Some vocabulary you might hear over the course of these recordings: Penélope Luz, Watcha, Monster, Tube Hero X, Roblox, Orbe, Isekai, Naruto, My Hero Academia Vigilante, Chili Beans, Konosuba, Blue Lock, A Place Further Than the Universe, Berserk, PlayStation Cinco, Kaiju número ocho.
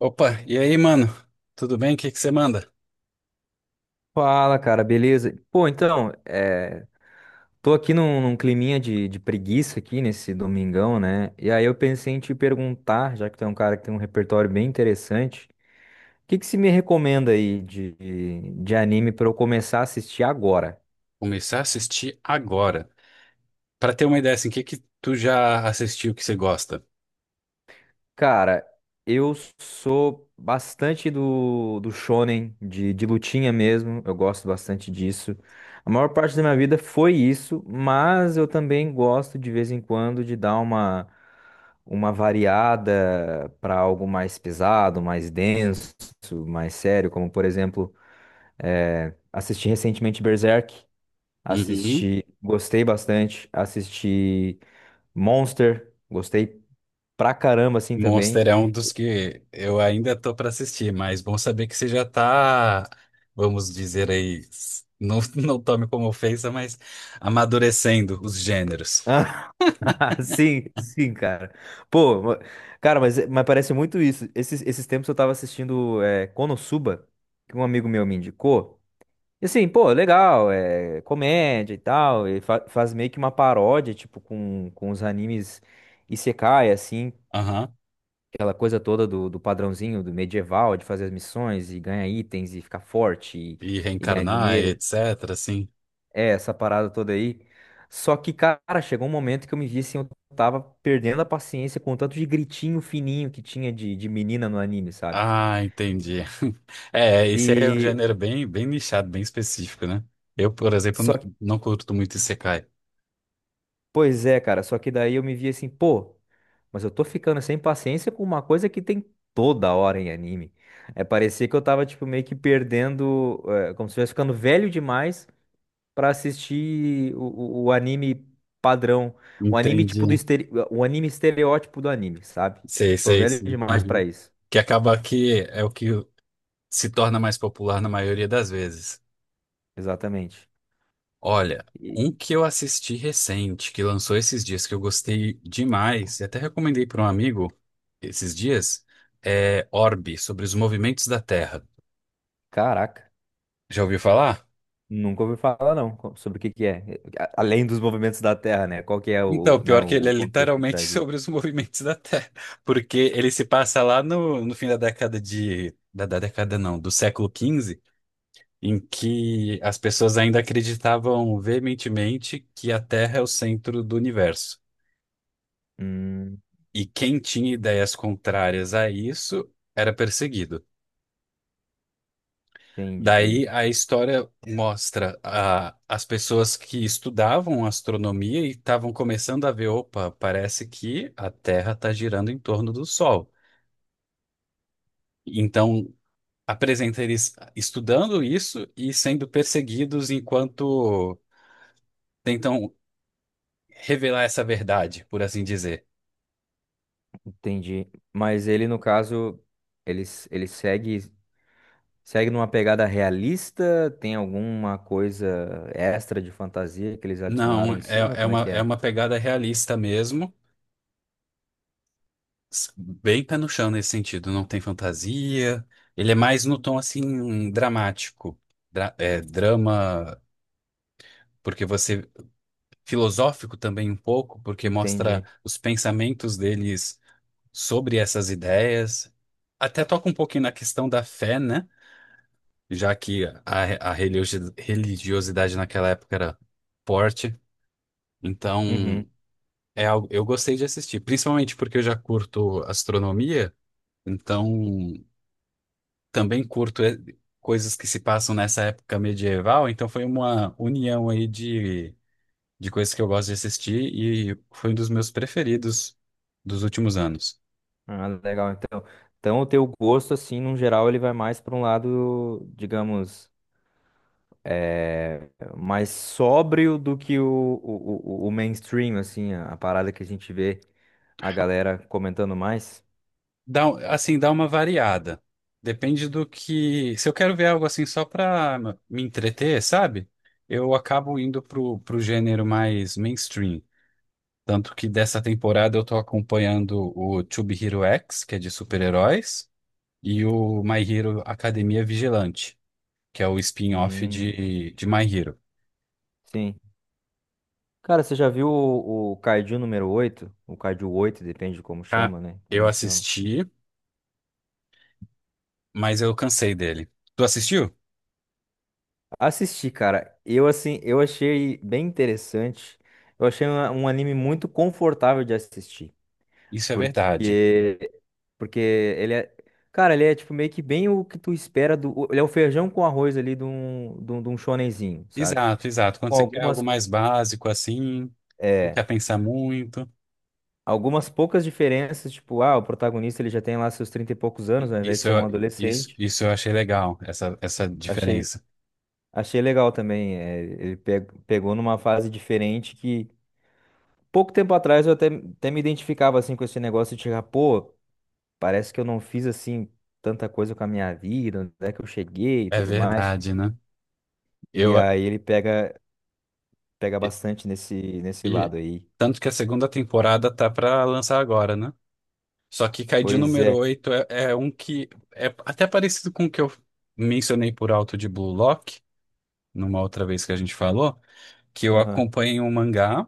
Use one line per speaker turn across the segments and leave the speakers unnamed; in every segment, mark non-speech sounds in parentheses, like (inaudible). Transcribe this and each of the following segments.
Opa, e aí, mano? Tudo bem? O que que você manda?
Fala, cara, beleza? Pô, então, tô aqui num climinha de preguiça aqui nesse domingão, né? E aí eu pensei em te perguntar, já que tu é um cara que tem um repertório bem interessante, o que que se me recomenda aí de anime pra eu começar a assistir agora?
Começar a assistir agora. Pra ter uma ideia, assim, o que que tu já assistiu que você gosta?
Cara, eu sou bastante do shonen, de lutinha mesmo. Eu gosto bastante disso. A maior parte da minha vida foi isso, mas eu também gosto de vez em quando de dar uma variada para algo mais pesado, mais denso, mais sério, como por exemplo, assisti recentemente Berserk,
Uhum.
assisti, gostei bastante, assisti Monster, gostei pra caramba assim também.
Monster é um dos que eu ainda tô pra assistir, mas bom saber que você já tá, vamos dizer aí, não, (laughs) não tome como ofensa, mas amadurecendo os gêneros.
(laughs) Sim, sim, cara. Pô, cara, mas parece muito isso. Esses tempos eu tava assistindo Konosuba, que um amigo meu me indicou. E assim, pô, legal, é comédia e tal. E faz meio que uma paródia, tipo, com os animes Isekai, assim,
Aham.
aquela coisa toda do padrãozinho do medieval, de fazer as missões e ganhar itens e ficar forte e,
E
e ganhar
reencarnar,
dinheiro.
etc, assim.
É, essa parada toda aí. Só que, cara, chegou um momento que eu me vi assim, eu tava perdendo a paciência com o tanto de gritinho fininho que tinha de menina no anime, sabe?
Ah, entendi. (laughs) É, esse aí é um
E
gênero bem, bem nichado, bem específico, né? Eu, por exemplo,
só que,
não curto muito Isekai.
pois é, cara, só que daí eu me vi assim, pô, mas eu tô ficando sem paciência com uma coisa que tem toda hora em anime. É, parecia que eu tava, tipo, meio que perdendo, como se eu estivesse ficando velho demais pra assistir o anime padrão, o anime
Entendi.
o anime estereótipo do anime, sabe?
Sei,
Tô
sei,
velho
sim.
demais pra
Aham.
isso.
Que acaba que é o que se torna mais popular na maioria das vezes.
Exatamente.
Olha,
E,
um que eu assisti recente, que lançou esses dias, que eu gostei demais, e até recomendei para um amigo esses dias, é Orbe, sobre os movimentos da Terra.
caraca,
Já ouviu falar?
nunca ouvi falar não sobre o que que é, além dos movimentos da Terra, né? Qual que é o,
Então,
né,
pior que ele
o
é
contexto por
literalmente (laughs)
trás
sobre
disso?
os movimentos da Terra, porque ele se passa lá no fim da década de... Da década não, do século XV, em que as pessoas ainda acreditavam veementemente que a Terra é o centro do universo.
Hum,
E quem tinha ideias contrárias a isso era perseguido. Daí
entendi,
a história mostra as pessoas que estudavam astronomia e estavam começando a ver, opa, parece que a Terra está girando em torno do Sol. Então, apresenta eles estudando isso e sendo perseguidos enquanto tentam revelar essa verdade, por assim dizer.
entendi. Mas ele no caso, ele segue numa pegada realista? Tem alguma coisa extra de fantasia que eles
Não,
adicionaram em cima?
é, é
Como é
uma,
que
é
é?
uma pegada realista mesmo, bem pé no chão nesse sentido, não tem fantasia. Ele é mais no tom assim dramático, drama, porque você filosófico também um pouco, porque mostra
Entendi.
os pensamentos deles sobre essas ideias. Até toca um pouquinho na questão da fé, né? Já que a religiosidade naquela época era forte,
Uhum.
então é algo, eu gostei de assistir, principalmente porque eu já curto astronomia, então também curto coisas que se passam nessa época medieval, então foi uma união aí de coisas que eu gosto de assistir e foi um dos meus preferidos dos últimos anos.
Ah, legal. Então o teu gosto, assim, no geral, ele vai mais para um lado, digamos, é, mais sóbrio do que o mainstream, assim, a parada que a gente vê a galera comentando mais.
Dá, assim, dá uma variada. Depende do que. Se eu quero ver algo assim só pra me entreter, sabe? Eu acabo indo pro gênero mais mainstream. Tanto que dessa temporada eu tô acompanhando o Tube Hero X, que é de super-heróis, e o My Hero Academia Vigilante, que é o spin-off
Hum,
de My Hero.
sim. Cara, você já viu o Kaiju número oito? O Kaiju 8 depende de como
Ah,
chama, né?
eu
Cada um chama.
assisti, mas eu cansei dele. Tu assistiu?
Assisti, cara. Eu assim, eu achei bem interessante. Eu achei um anime muito confortável de assistir,
Isso é verdade.
porque porque ele é, cara, ele é tipo meio que bem o que tu espera do, ele é o feijão com arroz ali de um shonenzinho, sabe?
Exato, exato. Quando
Com
você quer algo mais básico assim, não
é,
quer pensar muito.
algumas poucas diferenças, tipo, ah, o protagonista ele já tem lá seus 30 e poucos anos, ao invés de
Isso,
ser um
eu- isso,
adolescente.
isso eu achei legal, essa
Achei
diferença.
achei legal também, ele pegou numa fase diferente. Pouco tempo atrás eu até me identificava assim com esse negócio de chegar, pô, parece que eu não fiz assim tanta coisa com a minha vida, onde é que eu cheguei e
É
tudo mais.
verdade, né?
E
Eu,
aí ele pega
e,
bastante nesse
e-
lado aí.
tanto que a segunda temporada tá pra lançar agora, né? Só que Kaiju
Pois
número
é.
oito é um que é até parecido com o que eu mencionei por alto de Blue Lock, numa outra vez que a gente falou, que eu
Aham,
acompanhei um mangá.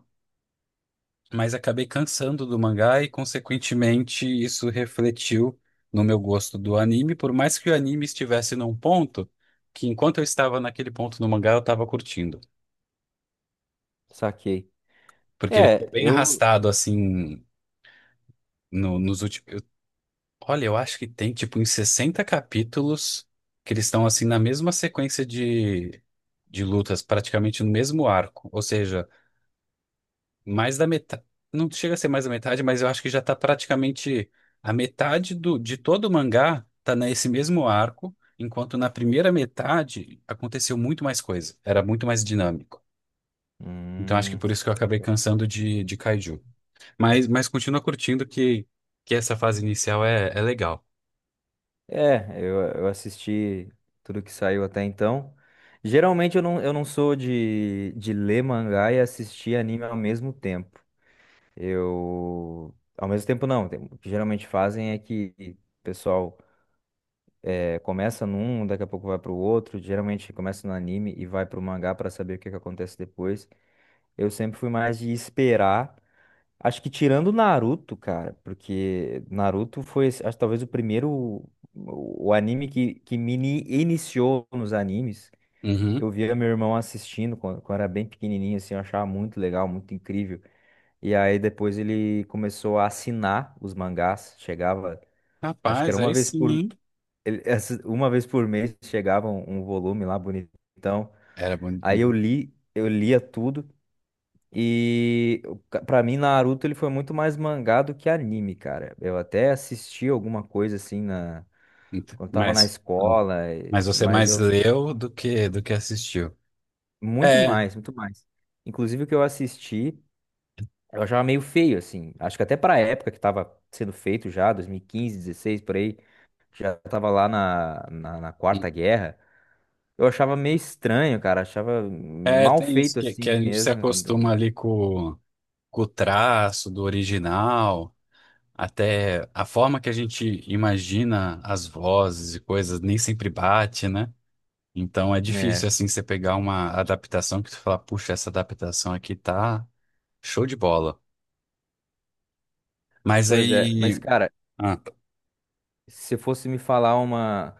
Mas acabei cansando do mangá e, consequentemente, isso refletiu no meu gosto do anime, por mais que o anime estivesse num ponto que, enquanto eu estava naquele ponto no mangá, eu estava curtindo.
saquei.
Porque ele ficou
É,
bem
eu
arrastado, assim, nos últimos. Olha, eu acho que tem, tipo, em 60 capítulos que eles estão, assim, na mesma sequência de lutas, praticamente no mesmo arco. Ou seja. Mais da metade. Não chega a ser mais da metade, mas eu acho que já tá praticamente a metade do, de todo o mangá tá nesse mesmo arco, enquanto na primeira metade aconteceu muito mais coisa, era muito mais dinâmico. Então acho que
Hum,
por isso que eu acabei cansando de Kaiju. Mas continua curtindo que essa fase inicial é legal.
eu assisti tudo que saiu até então. Geralmente eu não sou de ler mangá e assistir anime ao mesmo tempo. Eu, ao mesmo tempo não, o que geralmente fazem é que o pessoal começa num, daqui a pouco vai para o outro, geralmente começa no anime e vai para o mangá para saber o que que acontece depois. Eu sempre fui mais de esperar, acho que tirando Naruto, cara, porque Naruto foi, acho, que talvez o primeiro, o anime que me iniciou nos animes.
Uhum.
Eu via meu irmão assistindo quando era bem pequenininho, assim, eu achava muito legal, muito incrível. E aí depois ele começou a assinar os mangás. Chegava, acho que era
Rapaz,
uma
aí
vez por
sim.
ele- (laughs) uma vez por mês chegava um volume lá bonitão.
Era bonito.
Aí eu lia tudo e o pra mim Naruto ele foi muito mais mangá do que anime, cara. Eu até assisti alguma coisa assim na quando tava na
Mas, uhum,
escola,
mas você é
mas
mais
eu
leu do que assistiu.
muito
É.
mais, muito mais. Inclusive o que eu assisti. Eu achava meio feio, assim. Acho que até pra época que tava sendo feito já, 2015 2016 por aí, já tava lá na Quarta Guerra. Eu achava meio estranho, cara. Achava
É,
mal
tem isso
feito
que
assim
a gente se
mesmo.
acostuma ali com o traço do original, até a forma que a gente imagina as vozes e coisas nem sempre bate, né? Então é difícil
É,
assim você pegar uma adaptação que você fala, puxa, essa adaptação aqui tá show de bola. Mas
pois é. Mas,
aí,
cara,
ah,
se fosse me falar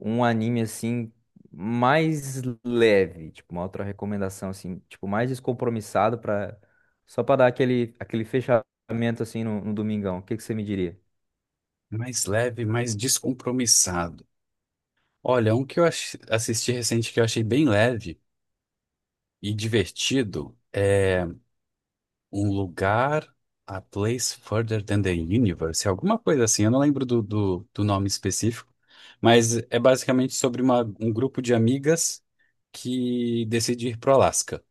um anime assim, mais leve, tipo, uma outra recomendação, assim, tipo, mais descompromissado pra. Só pra dar aquele fechamento assim no domingão, o que que você me diria?
mais leve, mais descompromissado. Olha, um que eu assisti recente que eu achei bem leve e divertido. É Um lugar, a place further than the universe, alguma coisa assim. Eu não lembro do nome específico, mas é basicamente sobre um grupo de amigas que decide ir pro Alasca.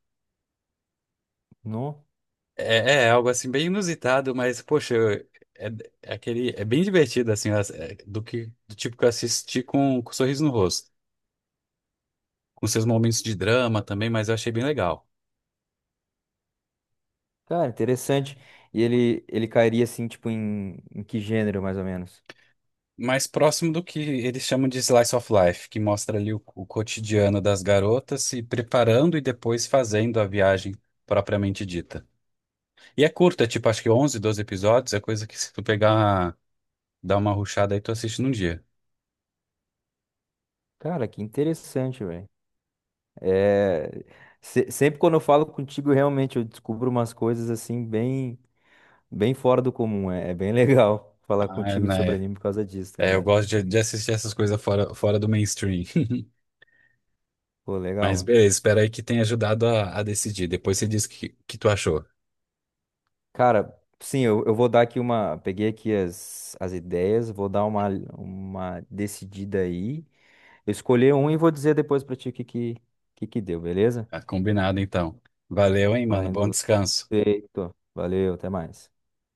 Não?
É algo assim bem inusitado, mas poxa, eu- é, é aquele é bem divertido assim, do que do tipo que eu assisti com sorriso no rosto, com seus momentos de drama também, mas eu achei bem legal.
Cara, interessante. E ele cairia assim, tipo, em que gênero, mais ou menos?
Mais próximo do que eles chamam de slice of life, que mostra ali o cotidiano das garotas se preparando e depois fazendo a viagem propriamente dita. E é curta, tipo, acho que 11, 12 episódios, é coisa que se tu pegar, dar uma rushada aí, tu assiste num dia.
Cara, que interessante, velho. É... sempre quando eu falo contigo, realmente eu descubro umas coisas assim, bem, bem fora do comum. É bem legal (laughs) falar
Ah, é,
contigo de sobre
né?
anime por causa disso, tá
É, eu
ligado?
gosto de assistir essas coisas fora do mainstream. (laughs)
Pô, legal,
Mas
mano.
beleza, espero aí que tenha ajudado a decidir. Depois você diz o que, que tu achou.
Cara, sim, eu vou dar aqui uma. Peguei aqui as ideias, vou dar uma decidida aí. Eu escolhi um e vou dizer depois pra ti o que que deu, beleza?
Tá combinado, então. Valeu, hein,
Tô
mano. Bom
indo.
descanso.
Feito. Valeu, até mais.